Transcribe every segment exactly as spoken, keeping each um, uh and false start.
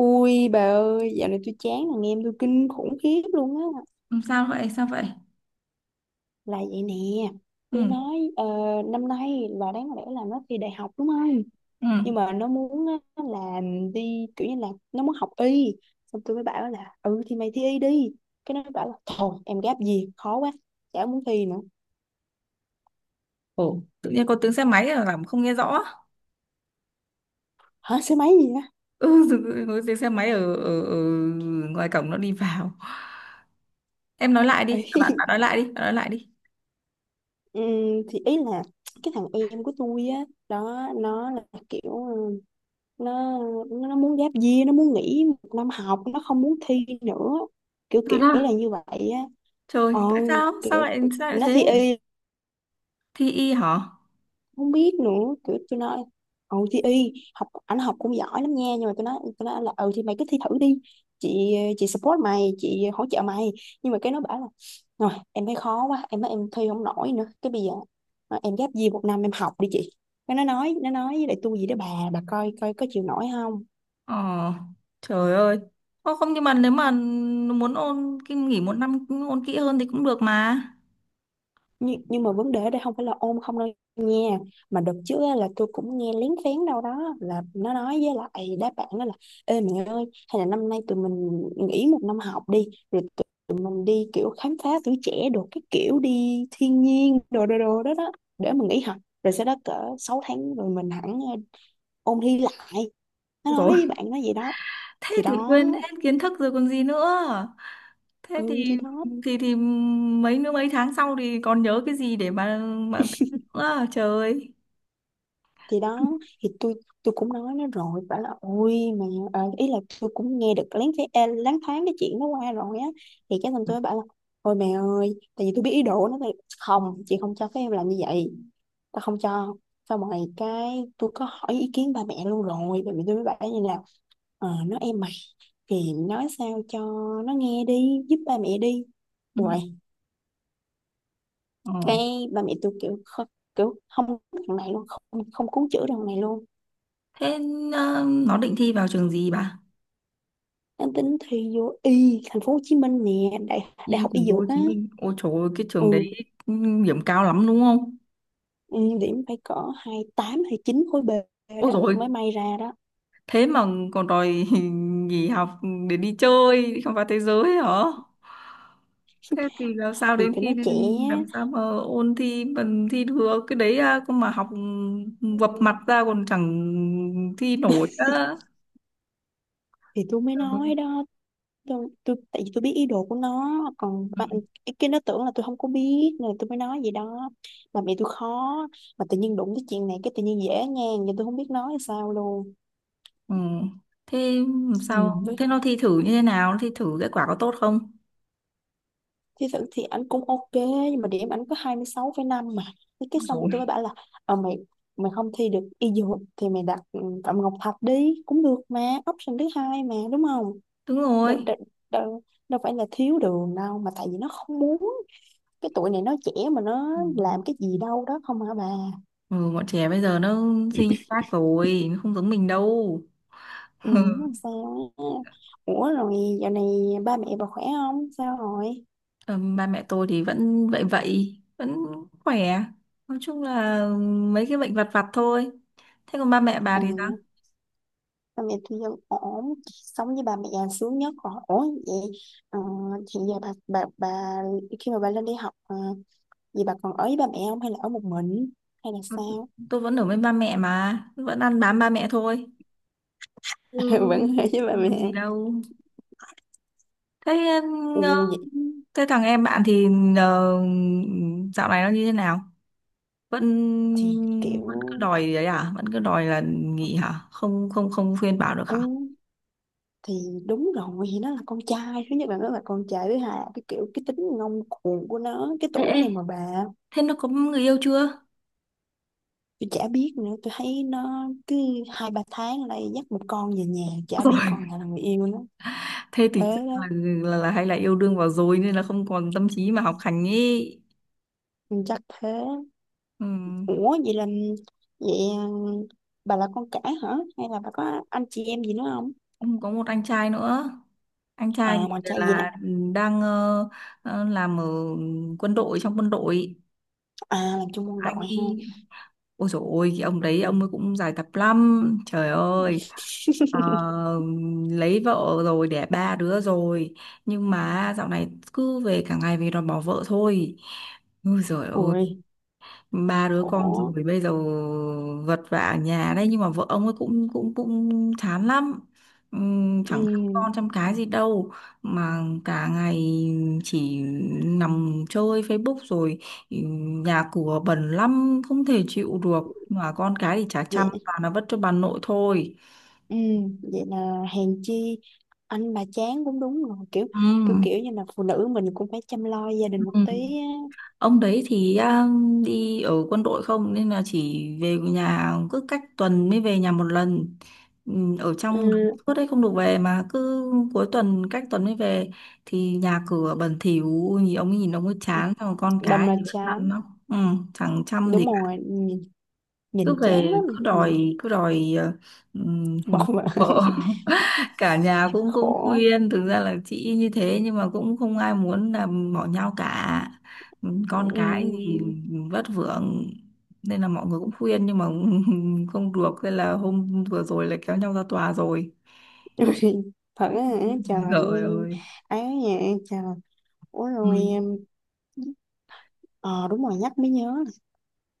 Ui bà ơi, dạo này tôi chán thằng em tôi kinh khủng khiếp luôn á. Ừ, sao vậy? Sao vậy? Là vậy nè, Ừ. tôi nói ờ, năm nay là đáng lẽ là nó thi đại học đúng không? Ừ. Nhưng mà nó muốn á, là đi kiểu như là nó muốn học y. Xong tôi mới bảo là ừ thì mày thi y đi. Cái nó bảo là thôi em gáp gì khó quá, chả muốn thi nữa. Ồ, tự nhiên có tiếng xe máy là làm không nghe rõ. Hả số mấy gì á? Ừ, tự- có tiếng xe máy ở, ở, ở ngoài cổng nó đi vào. Em nói lại đi, à, bạn bạn nói lại đi, bạn nói lại đi. Ừ, thì ý là cái thằng em của tôi á đó nó là kiểu ừ, nó nó nó muốn giáp year, nó muốn nghỉ một năm học, nó không muốn thi nữa, kiểu Thật kiểu à? là như vậy á. Trời, ờ tại sao? Sao Kiểu lại sao lại nó thế? thi y, Thi y hả? không biết nữa, kiểu tôi nói ừ thì y học ảnh học cũng giỏi lắm nha, nhưng mà tôi nói tôi nói là ừ thì mày cứ thi thử đi, chị chị support mày, chị hỗ trợ mày, nhưng mà cái nó bảo là rồi em thấy khó quá, em nói em thi không nổi nữa, cái bây giờ à, em ghép gì một năm em học đi chị. Cái nó nói nó nói với lại tôi gì đó, bà bà coi coi có chịu nổi không. Ờ, trời ơi. Ô, không, nhưng mà nếu mà muốn ôn kinh nghỉ một năm ôn kỹ hơn thì cũng được mà. Nhưng, nhưng mà vấn đề ở đây không phải là ôn không đâu nha, mà đợt trước á, là tôi cũng nghe lén phén đâu đó là nó nói với lại đáp bạn đó là ê mẹ ơi hay là năm nay tụi mình nghỉ một năm học đi, rồi tụi tụi mình đi kiểu khám phá tuổi trẻ đồ, cái kiểu đi thiên nhiên đồ đồ đồ đó đó, để mình nghỉ học rồi sau đó cỡ sáu tháng rồi mình hẳn ờ, ôn thi lại. Nó nói Ôi, với bạn nó vậy đó. Thì thế thì đó quên hết kiến thức rồi còn gì nữa, thế ừ thì thì đó thì thì mấy nữa mấy tháng sau thì còn nhớ cái gì để mà mà thi nữa à? Trời ơi. thì đó thì tôi tôi cũng nói nó rồi, bảo là ôi mà à, ý là tôi cũng nghe được lén phé à, lén thoáng cái chuyện nó qua rồi á, thì cái xong tôi mới bảo là ôi mẹ ơi, tại vì tôi biết ý đồ nó, thì không, chị không cho phép em làm như vậy, ta không cho. Xong rồi cái tôi có hỏi ý kiến ba mẹ luôn, rồi ba mẹ tôi mới bảo như là ờ nó em mày thì nói sao cho nó nghe đi, giúp ba mẹ đi. Ừ. Rồi Ờ. cái ba mẹ tôi kiểu kh- kiểu không cứu thằng này luôn, không không cứu chữa thằng này luôn. Thế ờ, nó định thi vào trường gì bà? Đang tính thi vô y thành phố Hồ Chí Minh nè, đại đại Đi học y thành phố Hồ dược á. Chí Minh. Ôi trời ơi, cái trường đấy Ừ điểm cao lắm đúng không? ừ, điểm phải cỡ hai mươi tám hay chín khối B Ôi đó rồi, mới may ra đó. thế mà còn đòi nghỉ học để đi chơi đi khám phá thế giới hả? Thế thì làm sao Thì đến tụi nó khi trẻ. làm sao mà ôn thi bằng thi được cái đấy à, không mà học ừ, vập mặt ra còn chẳng thi nổi nữa. Thì tôi mới Ừ. nói đó. Tôi, tôi tại vì tôi biết ý đồ của nó, còn Ừ. bạn cái nó tưởng là tôi không có biết nên là tôi mới nói gì đó, mà mẹ tôi khó, mà tự nhiên đụng tới chuyện này cái tự nhiên dễ ngang vậy, tôi không biết nói sao luôn. Ừ. Thế làm Ừ. sao, thế nó thi thử như thế nào, nó thi thử kết quả có tốt không? Thì thực thì anh cũng ok, nhưng mà điểm anh có hai mươi sáu phẩy năm mà. Thế cái xong tôi mới Rồi. bảo là ờ, mày, mày không thi được y dược thì mày đặt ừ, Phạm Ngọc Thạch đi cũng được mà, option thứ hai mà đúng không. Đúng đâu, rồi. đâu, đâu, đâu phải là thiếu đường đâu, mà tại vì nó không muốn, cái tuổi này nó trẻ mà, nó Ừ. làm cái gì đâu đó không hả bà. Ừ, bọn trẻ bây giờ nó suy khác rồi, nó không giống mình đâu. Ừ, nó làm sao á. Ủa rồi dạo này ba mẹ bà khỏe không, sao rồi. Ờ, ba mẹ tôi thì vẫn vậy vậy vẫn khỏe, nói chung là ừ, mấy cái bệnh vặt vặt thôi. Thế còn ba mẹ bà Ừ. thì sao? Ba mẹ tôi vẫn ổn, sống với ba mẹ là sướng nhất rồi, ổn vậy. ờ, Hiện giờ bà bà bà khi mà bà lên đi học ờ, vậy bà còn ở với ba mẹ không, hay là ở một mình, hay là sao. Tôi vẫn ở với ba mẹ mà, vẫn ăn bám ba mẹ thôi. Ừ. Vẫn ở với ba Không làm mẹ. gì đâu. thế Ừ, ờ, vậy. thế thằng em bạn thì ờ, dạo này nó như thế nào, vẫn Thì kiểu vẫn cứ đòi đấy à? Vẫn cứ đòi là nghỉ hả? Không không không khuyên bảo được hả? ừ thì đúng rồi, thì nó là con trai thứ nhất, là nó là con trai thứ hai là cái kiểu cái tính ngông cuồng của nó cái Ê, tuổi ê. này mà bà. Thế nó có người yêu chưa? Tôi chả biết nữa, tôi thấy nó cứ hai ba tháng lại dắt một con về nhà, chả biết con Rồi nào là người yêu nó. thế thì Thế chắc đó. là, là, là hay là yêu đương vào rồi nên là không còn tâm trí mà học hành ý. Ừ, chắc thế. Ừ. Ủa vậy là vậy à, bà là con cả hả? Hay là bà có anh chị em gì nữa không? Có một anh trai nữa. Anh À trai bọn trai gì đó. là đang ờ, ờ, làm ở quân đội, trong quân đội. À làm chung quân Anh đội ha. ấy Ôi dồi ôi, cái ông đấy, ông ấy cũng dài tập lắm trời ơi. Ờ, lấy vợ rồi, đẻ ba đứa rồi, nhưng mà dạo này cứ về cả ngày, về đòi bỏ vợ thôi. Ôi dồi ôi, Ui ba đứa con khổ. rồi bây giờ vật vã ở nhà đấy, nhưng mà vợ ông ấy cũng cũng cũng chán lắm. Ừm, Ừ, chẳng chăm con chăm cái gì đâu, mà cả ngày chỉ nằm chơi Facebook rồi, ừm, nhà cửa bẩn lắm không thể chịu được, mà con cái thì chả chăm, vậy toàn là vất cho bà nội thôi. ừ, vậy là hèn chi anh bà chán cũng đúng rồi, kiểu Ừ. kiểu kiểu như là phụ nữ mình cũng phải chăm lo gia Ừ. đình một tí á. Ông đấy thì à, đi ở quân đội, không nên là chỉ về nhà, cứ cách tuần mới về nhà một lần. Ừ, ở trong Ừ, suốt đấy không được về, mà cứ cuối tuần, cách tuần mới về, thì nhà cửa bẩn thỉu, nhìn ông ấy nhìn ông ấy chán, xong rồi con đâm cái là thì vẫn lăn chán. lắm. Ừ, chẳng chăm gì Đúng cả. rồi, nhìn, Cứ nhìn chán về lắm cứ nhìn. đòi cứ đòi ờ, ừm, Bực mà vợ. Cả nhà cũng cũng khổ. khuyên, thực ra là chị như thế, nhưng mà cũng không ai muốn là bỏ nhau cả, con cái thì Ừ. vất vưởng, nên là mọi người cũng khuyên nhưng mà không được, nên là hôm vừa rồi là kéo nhau ra tòa rồi. Ui, thật á hả? Trời Trời nghe- ơi. ấy nha trời. Ủa Ừ. rồi em- ờ đúng rồi, nhắc mới nhớ.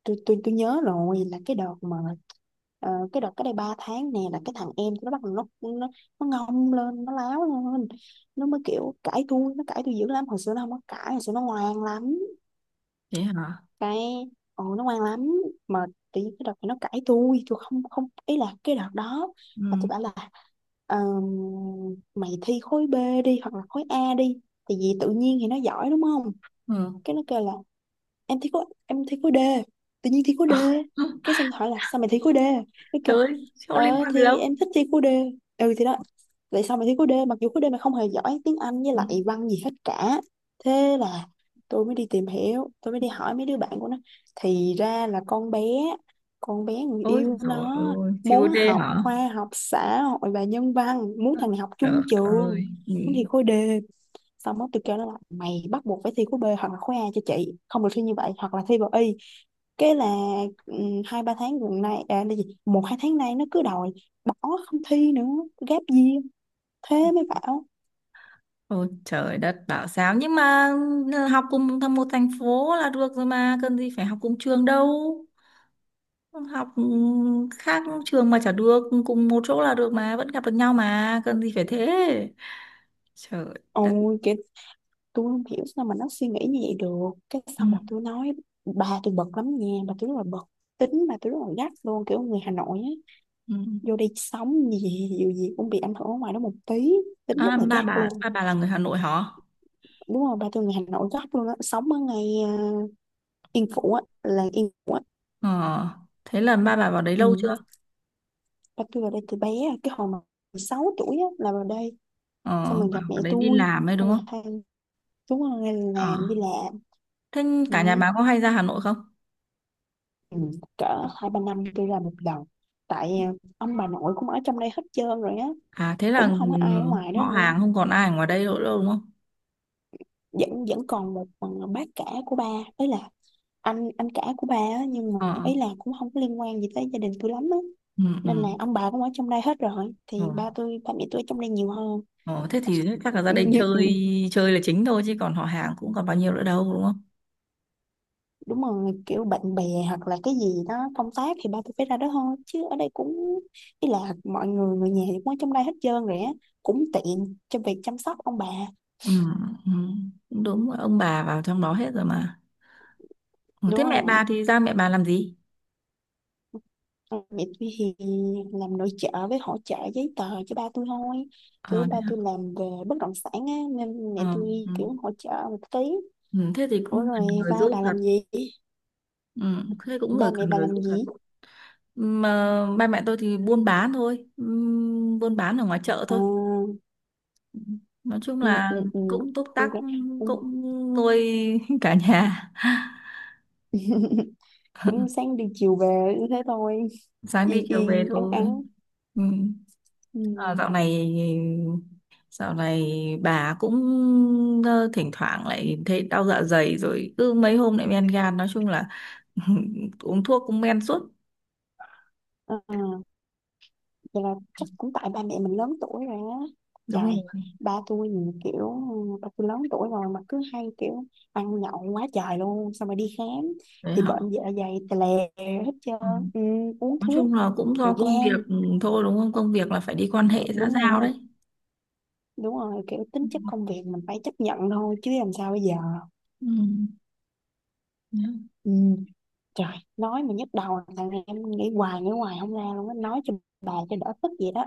Tôi tôi tôi nhớ rồi là cái đợt mà ờ, cái đợt cái đây ba tháng nè là cái thằng em nó bắt đầu nó nó nó ngông lên, nó láo lên, nó mới kiểu cãi tôi, nó cãi tôi dữ lắm, hồi xưa nó không có cãi, hồi xưa nó ngoan lắm. Thế hả. Cái ồ nó ngoan lắm, mà tự nhiên cái đợt này nó cãi tôi tôi không không ý là cái đợt đó mà Ừ. tôi bảo là "Ờm, mày thi khối B đi hoặc là khối A đi thì vì tự nhiên thì nó giỏi đúng không. Ừ. Cái nó kêu là em thi khối em thi khối D, tự nhiên thi khối D. Cái xong hỏi là sao mày thi khối D, cái Trời kêu ơi, sao liên ờ quan gì thì đâu. em thích thi khối D. Ừ thì đó, tại sao mày thi khối D mặc dù khối D mày không hề giỏi tiếng Anh với Ừ. lại văn gì hết cả. Thế là tôi mới đi tìm hiểu, tôi mới đi hỏi mấy đứa bạn của nó, thì ra là con bé con bé người Ôi yêu trời nó ơi, siêu muốn đê học hả. khoa học xã hội và nhân văn, muốn thằng này học Trời chung trường, ơi. Ừ. muốn thi khối D. Xong đó tôi kêu nó là mày bắt buộc phải thi khối B hoặc là khối A cho chị, không được thi như vậy, hoặc là thi vào y. Cái là ừm, hai ba tháng gần nay à, là gì một hai tháng nay nó cứ đòi bỏ, không thi nữa, gap year. Thế mới bảo Ôi trời đất bảo sao. Nhưng mà ờ, học cùng thăm một thành phố là được rồi, mà cần gì phải học cùng trường đâu, học ừ, khác trường mà chả được, cùng một chỗ là được mà, vẫn gặp được nhau mà, cần gì phải thế. Trời đất. ôi chị, tôi không hiểu sao mà nó suy nghĩ như vậy được. Cái Ừ. xong rồi tôi nói, bà tôi bực lắm nha, bà tôi rất là bực, tính bà tôi rất là gắt luôn, kiểu người Hà Nội á, Ừ. vô đây sống gì gì gì cũng bị ảnh hưởng ở ngoài đó một tí, tính rất À, là ba gắt bà luôn. ba bà là người Hà Nội hả? Đúng rồi, ba tôi người Hà Nội gắt luôn á, sống ở ngày à, Yên Phụ á, là Yên Phụ á Ờ, thế là ba bà vào đấy ừ. lâu chưa? Là tôi vào đây từ bé à, cái hồi mà sáu tuổi á là vào đây, Ờ, xong rồi gặp mẹ vào đấy đi tôi, làm ấy xong đúng rồi không? hai chúng tôi Ờ, làm đi làm. thế Ừ. cả nhà bà có hay ra Hà Nội không? Ừ. Cỡ hai ba năm tôi làm một lần, tại à, ông bà nội cũng ở trong đây hết trơn rồi á, À, thế là cũng không có ai ở ừ, ngoài đó họ nữa. hàng không còn ai ở ngoài đây nữa đâu đúng không? Vẫn vẫn còn một à, bác cả của ba, ấy là anh anh cả của ba á, nhưng mà Ờ. ấy là cũng không có liên quan gì tới gia đình tôi lắm á, Ừ. Ừ. nên là ông bà cũng ở trong đây hết rồi Ờ, thì ba tôi ba mẹ tôi ở trong đây nhiều hơn. ờ, thế thì chắc là gia đình Như- ừ, chơi, chơi là chính thôi, chứ còn họ hàng cũng còn bao nhiêu nữa đâu đúng không? đúng rồi, kiểu bạn bè hoặc là cái gì đó công tác thì ba tôi phải ra đó thôi, chứ ở đây cũng ý là mọi người người nhà thì cũng ở trong đây hết trơn rồi á, cũng tiện cho việc chăm sóc ông bà. Ừ, ừ, cũng đúng, ông bà vào trong đó hết rồi mà. Ừ, thế Đúng mẹ rồi. bà thì ra mẹ bà làm gì? Còn mẹ tôi thì làm nội trợ với hỗ trợ giấy tờ cho ba tôi thôi, kiểu Ờ, ba thế, hả? tôi làm về bất động sản á nên mẹ Ờ, tôi ừ, kiểu hỗ trợ một tí. ừ, thế thì Ủa cũng cần rồi người ba giúp bà thật. làm gì, Ừ, thế cũng người ba mẹ cần bà người làm giúp thật. gì. Mà ba mẹ tôi thì buôn bán thôi, ừ, buôn bán ở ngoài chợ Ờ, thôi. Nói chung ừ, là ừ, ừ. cũng túc tắc, Ok. Ừ. cũng nuôi cả nhà, Cũng sáng đi chiều về như thế thôi, sáng đi yên chiều về yên ắng thôi. ắng. Ừ. Ừ. À, dạo này dạo này bà cũng ờ, thỉnh thoảng lại thấy đau dạ dày, rồi cứ mấy hôm lại men gan, nói chung là uống thuốc cũng men suốt. à, Vậy là chắc cũng tại ba mẹ mình lớn tuổi rồi á. Đúng Trời, rồi. ba tôi nhìn kiểu ừ, ba tôi lớn tuổi rồi mà cứ hay kiểu ăn nhậu quá trời luôn, xong rồi đi khám Đấy thì hả. bệnh dạ dày tè lè hết trơn. Ừ. Ừ, uống Nói thuốc chung là cũng do rồi công việc gan. thôi đúng không, công việc là phải đi quan hệ xã Đúng giao rồi, đấy. đúng rồi, kiểu tính Ừ. chất công việc mình phải chấp nhận thôi chứ làm sao bây giờ. Ừ. Đấy. Ừ. Trời, nói mà nhức đầu, thằng này em nghĩ hoài nghĩ hoài không ra luôn á, nói cho bà cho đỡ tức vậy đó.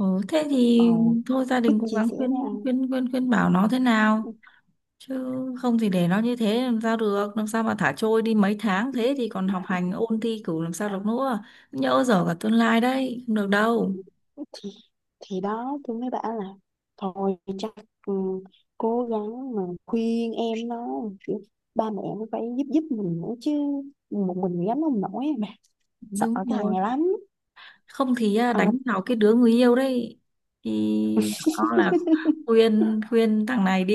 Ừ, thế ờ thì thôi, gia Bích đình cố chia gắng sẻ với khuyên anh. khuyên khuyên khuyên bảo nó thế nào chứ, không thì để nó như thế làm sao được, làm sao mà thả trôi đi mấy tháng thế thì còn học hành ôn thi cử làm sao được nữa, nhỡ dở cả tương lai đấy, không được đâu. Thì thì đó tôi mới bảo là thôi chắc ừ, cố gắng mà khuyên em nó, kiểu, ba mẹ cũng phải giúp giúp mình nữa chứ, một mình gánh không nổi bà, sợ Đúng cái thằng rồi, này lắm. không thì à, À mà đánh vào cái đứa người yêu đấy, thì nó là khuyên khuyên thằng này đi,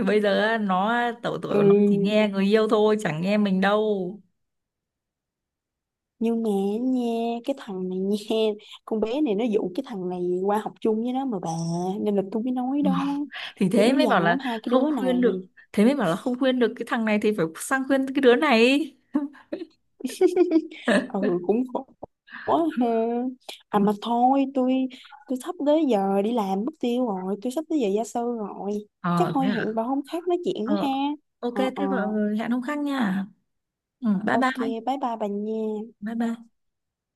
bây giờ nó à, tổ tuổi của nó chỉ Ừ, nghe người yêu thôi, chẳng nghe mình đâu. nhưng mà nha cái thằng này nha, con bé này nó dụ cái thằng này qua học chung với nó mà bà, nên là tôi mới nói Ừ. đó, Thì dữ thế mới bảo dằn lắm là hai cái không đứa này. khuyên được, thế mới bảo là không khuyên được cái thằng này thì phải sang khuyên cái đứa này. Ừ cũng khổ ha. À mà thôi tôi tôi sắp tới giờ đi làm mất tiêu rồi, tôi sắp tới giờ gia sư rồi, chắc Ờ thôi thế à. hẹn bà hôm khác nói chuyện nữa ha. Ờ, ok, Ờ ờ, thế gọi hẹn hôm khác nha. Ừ, bye ok, bye. bye bye bà nha. Bye bye.